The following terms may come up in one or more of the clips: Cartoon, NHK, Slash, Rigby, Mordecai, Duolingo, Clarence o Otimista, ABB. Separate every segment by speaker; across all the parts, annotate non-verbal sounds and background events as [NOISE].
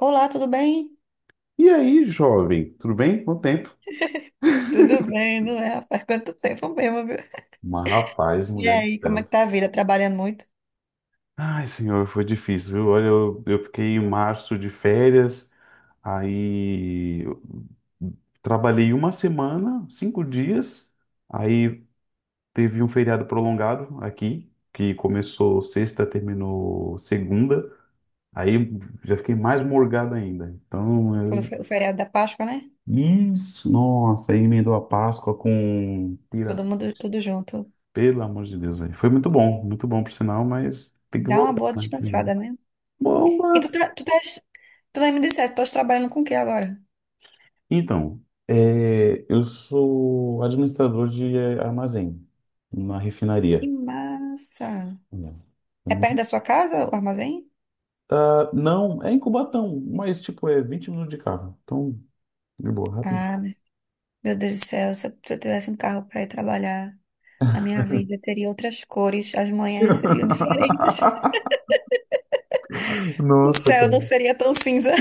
Speaker 1: Olá, tudo bem?
Speaker 2: E aí, jovem, tudo bem? Quanto tempo?
Speaker 1: [LAUGHS] Tudo bem, não é? Faz quanto tempo mesmo, viu?
Speaker 2: Mas,
Speaker 1: [LAUGHS]
Speaker 2: rapaz,
Speaker 1: E
Speaker 2: mulher do
Speaker 1: aí, como é
Speaker 2: céu.
Speaker 1: que tá a vida? Trabalhando muito?
Speaker 2: Ai, senhor, foi difícil, viu? Olha, eu fiquei em março de férias, aí eu trabalhei uma semana, cinco dias, aí teve um feriado prolongado aqui, que começou sexta, terminou segunda, aí já fiquei mais morgado ainda. Então,
Speaker 1: Foi o
Speaker 2: eu...
Speaker 1: fe- o feriado da Páscoa, né?
Speaker 2: Isso. Nossa, aí emendou a Páscoa com...
Speaker 1: Todo mundo, tudo junto.
Speaker 2: Pelo amor de Deus, velho. Foi muito bom por sinal, mas tem que
Speaker 1: Dá uma
Speaker 2: voltar,
Speaker 1: boa
Speaker 2: né? Uhum.
Speaker 1: descansada, né?
Speaker 2: Bom,
Speaker 1: E tu, tá, tu, tás, Tu nem me disseste, tu estás trabalhando com o que agora?
Speaker 2: então, é, eu sou administrador de armazém na
Speaker 1: Que
Speaker 2: refinaria.
Speaker 1: massa!
Speaker 2: Não.
Speaker 1: É perto da sua casa, o armazém?
Speaker 2: Ah, não, é em Cubatão, mas tipo, é 20 minutos de carro. Então, de boa, rapidinho.
Speaker 1: Ah, meu Deus do céu, se eu tivesse um carro para ir trabalhar, a minha vida teria outras cores, as manhãs seriam diferentes. [LAUGHS]
Speaker 2: [LAUGHS]
Speaker 1: O
Speaker 2: Nossa,
Speaker 1: céu não
Speaker 2: cara.
Speaker 1: seria tão cinza.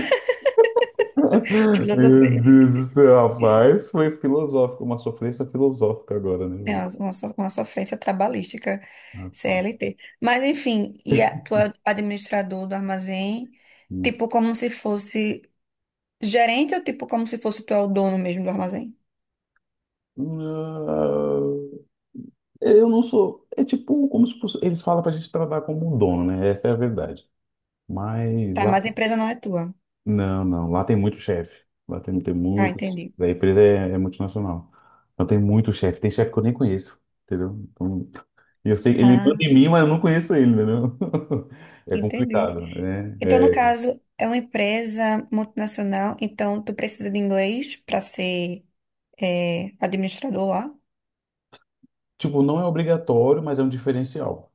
Speaker 1: [LAUGHS]
Speaker 2: Meu
Speaker 1: Filosofia.
Speaker 2: Deus do céu, rapaz, foi filosófico, uma sofrência filosófica agora, né,
Speaker 1: É
Speaker 2: velho?
Speaker 1: uma, uma so- uma sofrência trabalhística,
Speaker 2: Rapaz.
Speaker 1: CLT. Mas, enfim, tu é administrador do armazém, tipo como se fosse gerente, ou tipo como se fosse tu é o dono mesmo do armazém?
Speaker 2: Ah, eu não sou. É tipo como se fosse. Eles falam pra gente tratar como um dono, né? Essa é a verdade. Mas
Speaker 1: Tá,
Speaker 2: lá.
Speaker 1: mas a empresa não é tua.
Speaker 2: Não, não. Lá tem muito chefe. Lá tem
Speaker 1: Ah,
Speaker 2: muito.
Speaker 1: entendi.
Speaker 2: A empresa é multinacional. Então tem muito chefe. Tem chefe que eu nem conheço. Entendeu? Então, e eu sei ele manda
Speaker 1: Ah,
Speaker 2: em mim, mas eu não conheço ele, entendeu? [LAUGHS] É
Speaker 1: entendi.
Speaker 2: complicado, né?
Speaker 1: Então, no
Speaker 2: É,
Speaker 1: caso, é uma empresa multinacional, então tu precisa de inglês para ser administrador lá?
Speaker 2: tipo, não é obrigatório, mas é um diferencial.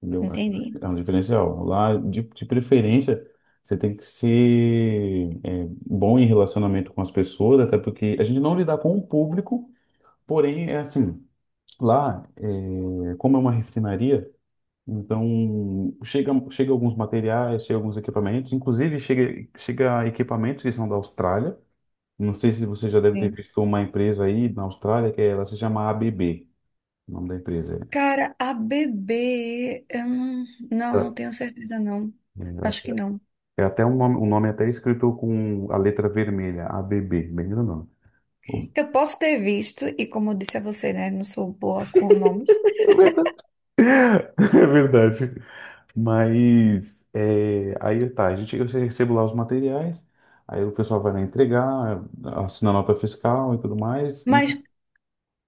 Speaker 2: Entendeu? É
Speaker 1: Entendi.
Speaker 2: é um diferencial. Lá, de preferência, você tem que ser é, bom em relacionamento com as pessoas, até porque a gente não lidar com o público, porém, é assim, lá, é, como é uma refinaria, então chega alguns materiais, chega alguns equipamentos, inclusive chega equipamentos que são da Austrália. Não sei se você já deve ter
Speaker 1: Sim.
Speaker 2: visto uma empresa aí na Austrália, que é, ela se chama a B B, o nome da empresa.
Speaker 1: Cara, a bebê, eu não, não, não
Speaker 2: É,
Speaker 1: tenho certeza, não. Acho que não.
Speaker 2: É, É até um nome até escrito com a letra vermelha, ABB, bem grandão.
Speaker 1: Eu posso ter visto, e como eu disse a você, né? Não sou boa com nomes.
Speaker 2: É verdade. [LAUGHS] É verdade. Mas é, aí tá, a gente eu recebo lá os materiais, aí o pessoal vai lá entregar, assina a nota fiscal e tudo mais, e
Speaker 1: Mas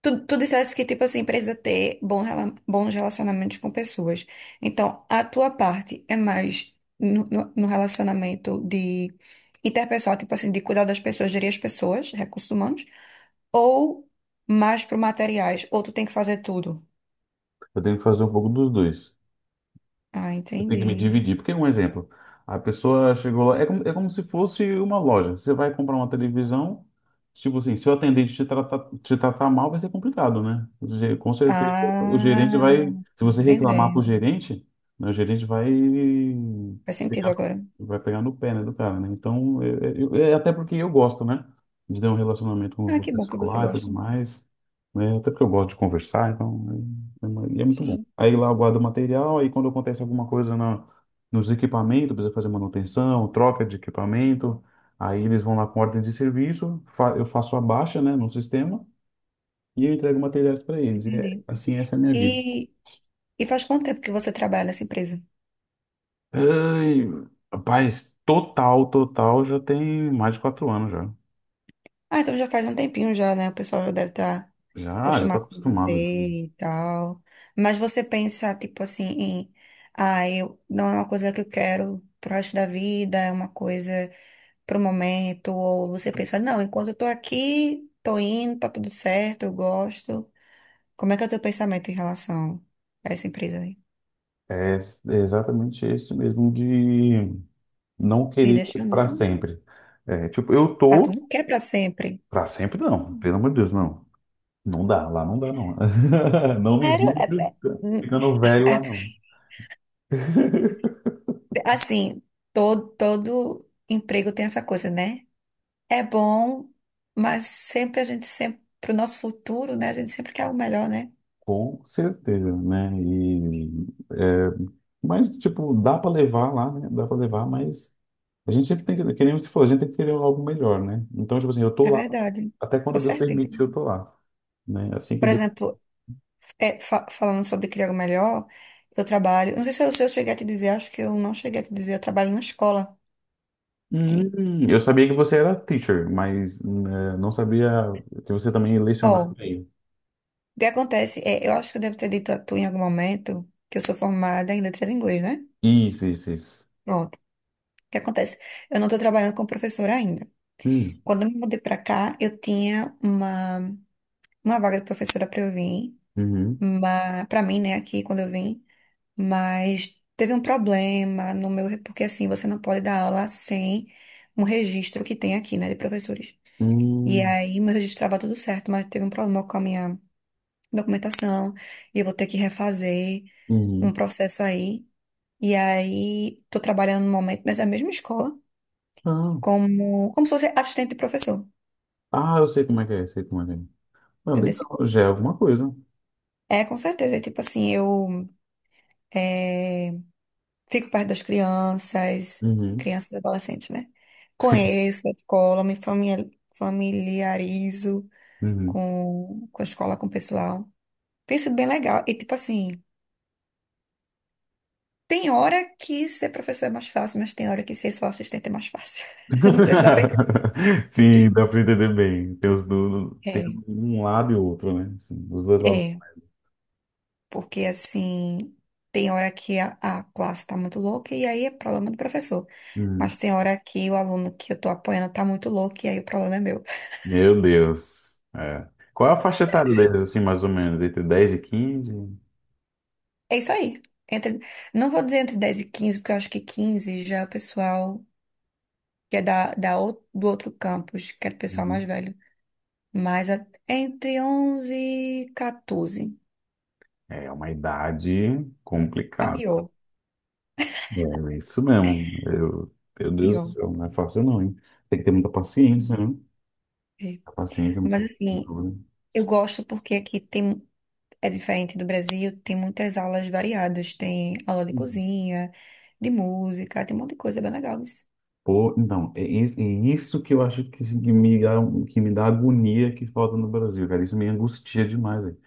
Speaker 1: tu disseste que, tipo assim, precisa ter bons relacionamentos com pessoas. Então, a tua parte é mais no relacionamento de interpessoal, tipo assim, de cuidar das pessoas, gerir as pessoas, recursos humanos, ou mais pro materiais, ou tu tem que fazer tudo.
Speaker 2: eu tenho que fazer um pouco dos dois.
Speaker 1: Ah,
Speaker 2: Eu tenho que me
Speaker 1: entendi.
Speaker 2: dividir. Porque, um exemplo, a pessoa chegou lá, é como se fosse uma loja. Você vai comprar uma televisão, tipo assim, se o atendente te tratar mal, vai ser complicado, né? Com certeza, o gerente vai.
Speaker 1: Ah,
Speaker 2: Se você reclamar pro
Speaker 1: entendendo.
Speaker 2: gerente, né, o gerente
Speaker 1: Faz sentido
Speaker 2: pegar,
Speaker 1: agora.
Speaker 2: vai pegar no pé, né, do cara, né? Então, é até porque eu gosto, né? De ter um relacionamento com
Speaker 1: Ah,
Speaker 2: o
Speaker 1: que bom que
Speaker 2: pessoal
Speaker 1: você
Speaker 2: lá e tudo
Speaker 1: gosta.
Speaker 2: mais. Né? Até porque eu gosto de conversar, então, né? E é muito bom.
Speaker 1: Sim,
Speaker 2: Aí lá eu guardo o material, aí quando acontece alguma coisa na, nos equipamentos, precisa fazer manutenção, troca de equipamento, aí eles vão lá com ordem de serviço, eu faço a baixa, né, no sistema e eu entrego materiais para eles. E é,
Speaker 1: entendi.
Speaker 2: assim, essa é a minha vida.
Speaker 1: E, e faz quanto tempo que você trabalha nessa empresa?
Speaker 2: Ai, rapaz, total, total, já tem mais de 4 anos já.
Speaker 1: Ah, então já faz um tempinho já, né? O pessoal já deve estar
Speaker 2: Já, já tá
Speaker 1: acostumar com
Speaker 2: acostumado, já.
Speaker 1: você e tal. Mas você pensa, tipo assim, não é uma coisa que eu quero pro resto da vida, é uma coisa pro momento, ou você pensa, não, enquanto eu tô aqui, tô indo, tá tudo certo, eu gosto. Como é que é o teu pensamento em relação a essa empresa aí?
Speaker 2: É, é exatamente esse mesmo de não
Speaker 1: E
Speaker 2: querer
Speaker 1: deixando
Speaker 2: para
Speaker 1: assim?
Speaker 2: sempre. É, tipo, eu
Speaker 1: Ah, tu
Speaker 2: tô...
Speaker 1: não quer pra sempre.
Speaker 2: Pra sempre não,
Speaker 1: Hum.
Speaker 2: pelo amor de Deus, não. Não dá, lá não dá, não. [LAUGHS] Não me
Speaker 1: Sério?
Speaker 2: vejo
Speaker 1: Hum,
Speaker 2: ficando
Speaker 1: as-
Speaker 2: velho lá,
Speaker 1: a- [LAUGHS]
Speaker 2: não. [LAUGHS]
Speaker 1: Assim, todo emprego tem essa coisa, né? É bom, mas sempre a gente sempre, para o nosso futuro, né? A gente sempre quer o melhor, né?
Speaker 2: Com certeza, né? E, é, mas, tipo, dá para levar lá, né? Dá para levar, mas a gente sempre tem que nem você falou, a gente tem que querer algo melhor, né? Então, tipo assim, eu tô
Speaker 1: É
Speaker 2: lá
Speaker 1: verdade.
Speaker 2: até
Speaker 1: Tá
Speaker 2: quando Deus permite,
Speaker 1: certíssimo.
Speaker 2: eu tô lá, né? Assim que
Speaker 1: Por
Speaker 2: Deus...
Speaker 1: exemplo, falando sobre criar o melhor, eu trabalho. Não sei se eu cheguei a te dizer, acho que eu não cheguei a te dizer, eu trabalho numa escola aqui.
Speaker 2: Eu sabia que você era teacher, mas né, não sabia que você também
Speaker 1: Ó,
Speaker 2: lecionava
Speaker 1: o
Speaker 2: bem.
Speaker 1: que acontece? É, eu acho que eu devo ter dito a tu em algum momento que eu sou formada em letras em inglês, né?
Speaker 2: Isso, isso, isso.
Speaker 1: Pronto. O que acontece? Eu não estou trabalhando como professora ainda.
Speaker 2: Hum,
Speaker 1: Quando eu me mudei para cá, eu tinha uma vaga de professora para eu vir.
Speaker 2: uhum.
Speaker 1: Mas para mim, né, aqui quando eu vim, mas teve um problema no meu, porque assim, você não pode dar aula sem um registro que tem aqui, né, de professores. E
Speaker 2: Hum,
Speaker 1: aí meu registro estava tudo certo, mas teve um problema com a minha documentação, e eu vou ter que refazer um
Speaker 2: uhum.
Speaker 1: processo aí. E aí tô trabalhando no momento nessa mesma escola
Speaker 2: Ah,
Speaker 1: como se fosse assistente de professor,
Speaker 2: ah, eu sei como é que é, sei como é que é. Ah,
Speaker 1: entendeu?
Speaker 2: legal, já é alguma coisa.
Speaker 1: É, com certeza. É tipo assim, eu eh, fico perto das crianças,
Speaker 2: Uhum,
Speaker 1: crianças e adolescentes, né? Conheço a escola, me familiarizo
Speaker 2: uhum.
Speaker 1: com a escola, com o pessoal. Tem sido bem legal. E, tipo assim, tem hora que ser professor é mais fácil, mas tem hora que ser só assistente é mais fácil. [LAUGHS] Não sei se dá pra entender.
Speaker 2: [LAUGHS] Sim, dá pra entender bem. Tem
Speaker 1: É,
Speaker 2: um lado e outro, né? Assim, os dois lados.
Speaker 1: é. Porque, assim, tem hora que a classe tá muito louca e aí é problema do professor.
Speaker 2: Uhum.
Speaker 1: Mas tem hora que o aluno que eu tô apoiando tá muito louco e aí o problema é meu.
Speaker 2: Meu Deus. É. Qual é a faixa etária deles, assim, mais ou menos? Entre 10 e 15.
Speaker 1: É isso aí. Entre, não vou dizer entre 10 e 15 porque eu acho que 15 já é o pessoal que é do outro campus, que é o pessoal mais
Speaker 2: Uhum.
Speaker 1: velho. Entre 11 e 14.
Speaker 2: É uma idade
Speaker 1: A
Speaker 2: complicada.
Speaker 1: pior,
Speaker 2: É isso mesmo. Eu, meu
Speaker 1: a
Speaker 2: Deus do
Speaker 1: pior.
Speaker 2: céu, não é fácil não, hein? Tem que ter muita paciência, né?
Speaker 1: É.
Speaker 2: A paciente,
Speaker 1: Mas assim, eu gosto porque aqui tem, é diferente do Brasil, tem muitas aulas variadas. Tem aula de cozinha, de música, tem um monte de coisa bem legal.
Speaker 2: pô, então, é, é isso que eu acho que, que me dá agonia que falta no Brasil, cara. Isso me angustia demais, velho.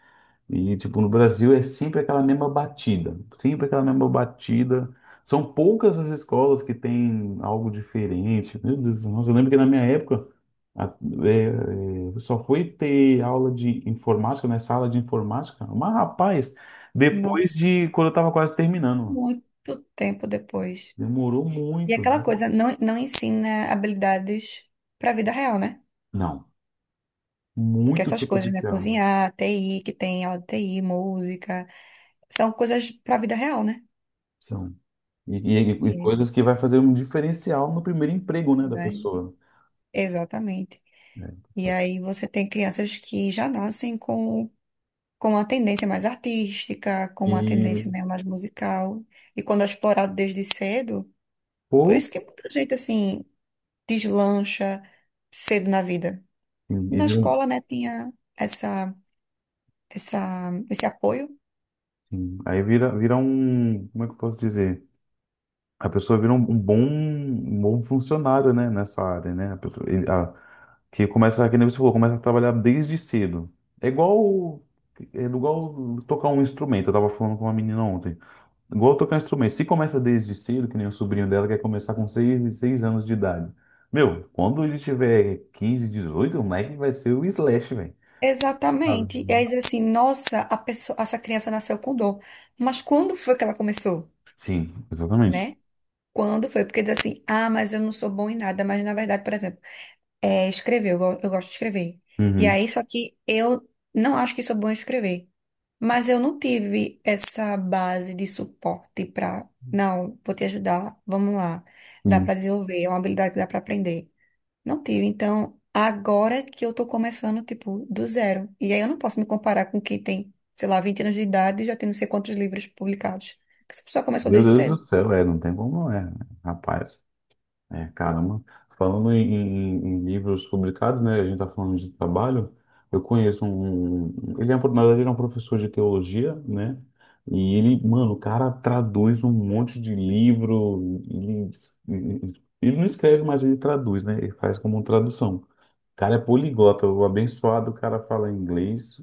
Speaker 2: E, tipo, no Brasil é sempre aquela mesma batida, sempre aquela mesma batida. São poucas as escolas que têm algo diferente. Meu Deus, nossa, eu lembro que na minha época a- só foi ter aula de informática, né? Sala de informática. Mas, rapaz, depois
Speaker 1: Nossa,
Speaker 2: de quando eu tava quase terminando, mano.
Speaker 1: muito tempo depois.
Speaker 2: Demorou
Speaker 1: E
Speaker 2: muito.
Speaker 1: aquela coisa não ensina habilidades para a vida real, né?
Speaker 2: Não.
Speaker 1: Porque
Speaker 2: Muito
Speaker 1: essas coisas, né?
Speaker 2: superficial.
Speaker 1: Cozinhar, TI, que tem aula de TI, música, são coisas para a vida real, né?
Speaker 2: São. E, e
Speaker 1: E,
Speaker 2: coisas que vai fazer um diferencial no primeiro emprego, né, da
Speaker 1: né?
Speaker 2: pessoa.
Speaker 1: Exatamente.
Speaker 2: Né?
Speaker 1: E aí você tem crianças que já nascem com uma tendência mais artística, com uma
Speaker 2: E,
Speaker 1: tendência, né, mais musical. E quando é explorado desde cedo, por
Speaker 2: pô,
Speaker 1: isso que muita gente, assim, deslancha cedo na vida.
Speaker 2: sim,
Speaker 1: Na escola, né, tinha esse apoio.
Speaker 2: sim, aí vira, vira um, como é que eu posso dizer? A pessoa vira um, um bom funcionário, né, nessa área, né? A pessoa, que começa, que nem você falou, começa a trabalhar desde cedo. É igual, é igual tocar um instrumento. Eu tava falando com uma menina ontem. Igual tocar instrumento. Se começa desde cedo, que nem o sobrinho dela quer começar com seis anos de idade. Meu, quando ele tiver 15, 18 o moleque vai ser o Slash, velho. Sabe?
Speaker 1: Exatamente. E aí diz assim, nossa, a pessoa, essa criança nasceu com dor. Mas quando foi que ela começou,
Speaker 2: Sim, exatamente.
Speaker 1: né? Quando foi? Porque diz assim, ah, mas eu não sou bom em nada. Mas na verdade, por exemplo, é escrever, eu gosto de escrever. E
Speaker 2: Uhum,
Speaker 1: aí, só que eu não acho que sou bom em escrever. Mas eu não tive essa base de suporte para, não, vou te ajudar, vamos lá. Dá
Speaker 2: sim.
Speaker 1: para desenvolver, é uma habilidade que dá para aprender. Não tive. Então, agora que eu tô começando, tipo, do zero. E aí eu não posso me comparar com quem tem, sei lá, 20 anos de idade e já tem não sei quantos livros publicados. Porque essa pessoa começou
Speaker 2: Meu
Speaker 1: desde
Speaker 2: Deus
Speaker 1: cedo.
Speaker 2: do céu, é, não tem como não é, né, rapaz? É, caramba. Falando em, em livros publicados, né? A gente está falando de trabalho. Eu conheço um. Na verdade, ele é um professor de teologia, né? E ele, mano, o cara traduz um monte de livro. Ele, ele não escreve, mas ele traduz, né? Ele faz como tradução. O cara é poliglota, o abençoado, o cara fala inglês,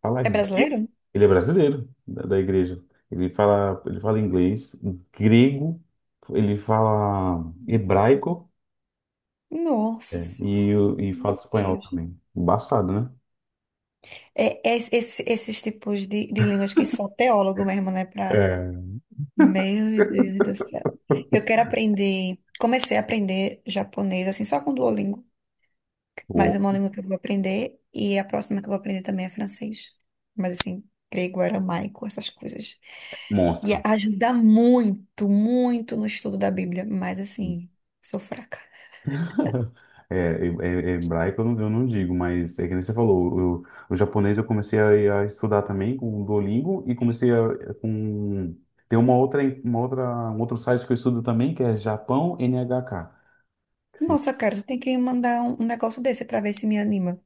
Speaker 2: fala
Speaker 1: É
Speaker 2: grego.
Speaker 1: brasileiro?
Speaker 2: Ele é brasileiro da, da igreja. Ele fala inglês, grego, ele fala
Speaker 1: Sim.
Speaker 2: hebraico
Speaker 1: Nossa,
Speaker 2: e, e fala
Speaker 1: meu
Speaker 2: espanhol
Speaker 1: Deus.
Speaker 2: também. Embaçado, né?
Speaker 1: Esses tipos de línguas que só teólogo mesmo, né?
Speaker 2: É,
Speaker 1: Meu Deus do céu. Eu quero aprender. Comecei a aprender japonês, assim, só com Duolingo.
Speaker 2: o
Speaker 1: Mas é uma língua que eu vou aprender. E a próxima que eu vou aprender também é francês. Mas, assim, grego, aramaico, essas coisas. E
Speaker 2: monstro.
Speaker 1: ajuda muito, muito no estudo da Bíblia. Mas, assim, sou fraca.
Speaker 2: [LAUGHS] É, é hebraico eu não digo, mas é que nem você falou, o japonês eu comecei a estudar também com o Duolingo e comecei a, com... Tem uma outra, um outro site que eu estudo também, que é Japão NHK. Sim.
Speaker 1: Nossa, cara, tu tem que me mandar um negócio desse pra ver se me anima.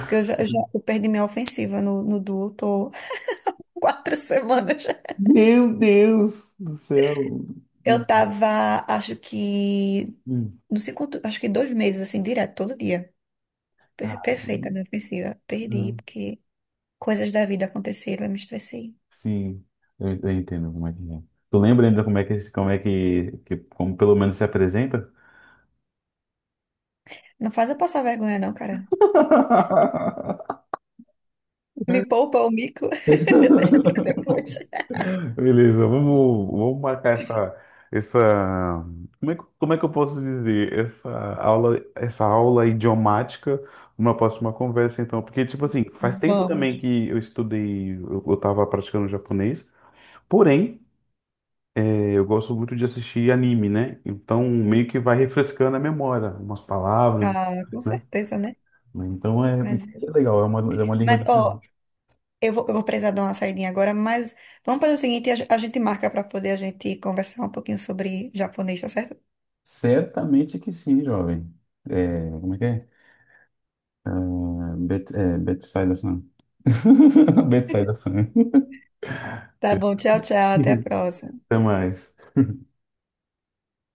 Speaker 1: Porque eu perdi minha ofensiva no Duo, tô [LAUGHS] 4 semanas.
Speaker 2: Meu Deus do céu.
Speaker 1: Eu tava, acho que.
Speaker 2: Hum,
Speaker 1: Não sei quanto, acho que 2 meses, assim, direto, todo dia. Per-
Speaker 2: Caramba.
Speaker 1: Perfeita a minha ofensiva. Perdi,
Speaker 2: Hum,
Speaker 1: porque coisas da vida aconteceram, eu me estressei.
Speaker 2: Sim, eu entendo como é que é. Tu lembra ainda como é que, como é que, como pelo menos se apresenta?
Speaker 1: Não faz eu passar vergonha, não, cara.
Speaker 2: [LAUGHS]
Speaker 1: Me poupa o mico. [LAUGHS] Deixa pra depois.
Speaker 2: Beleza, vamos, vamos marcar essa, essa, como é, como é que eu posso dizer? Essa aula idiomática numa próxima conversa, então. Porque, tipo assim, faz tempo também
Speaker 1: Vamos.
Speaker 2: que eu estudei, eu tava praticando japonês, porém, eu gosto muito de assistir anime, né? Então meio que vai refrescando a memória, umas palavras,
Speaker 1: Ah, com
Speaker 2: né?
Speaker 1: certeza, né?
Speaker 2: Então é,
Speaker 1: Mas,
Speaker 2: é legal, é uma língua
Speaker 1: mas ó,
Speaker 2: diferente.
Speaker 1: eu vou precisar dar uma saidinha agora, mas vamos fazer o seguinte, a gente marca pra poder a gente conversar um pouquinho sobre japonês, tá certo?
Speaker 2: Certamente que sim, jovem. É, como é que é? É, Bet, é Betsaida-san. [LAUGHS] Betsaida-san.
Speaker 1: Tá bom, tchau, tchau, até a
Speaker 2: [LAUGHS]
Speaker 1: próxima.
Speaker 2: Até mais.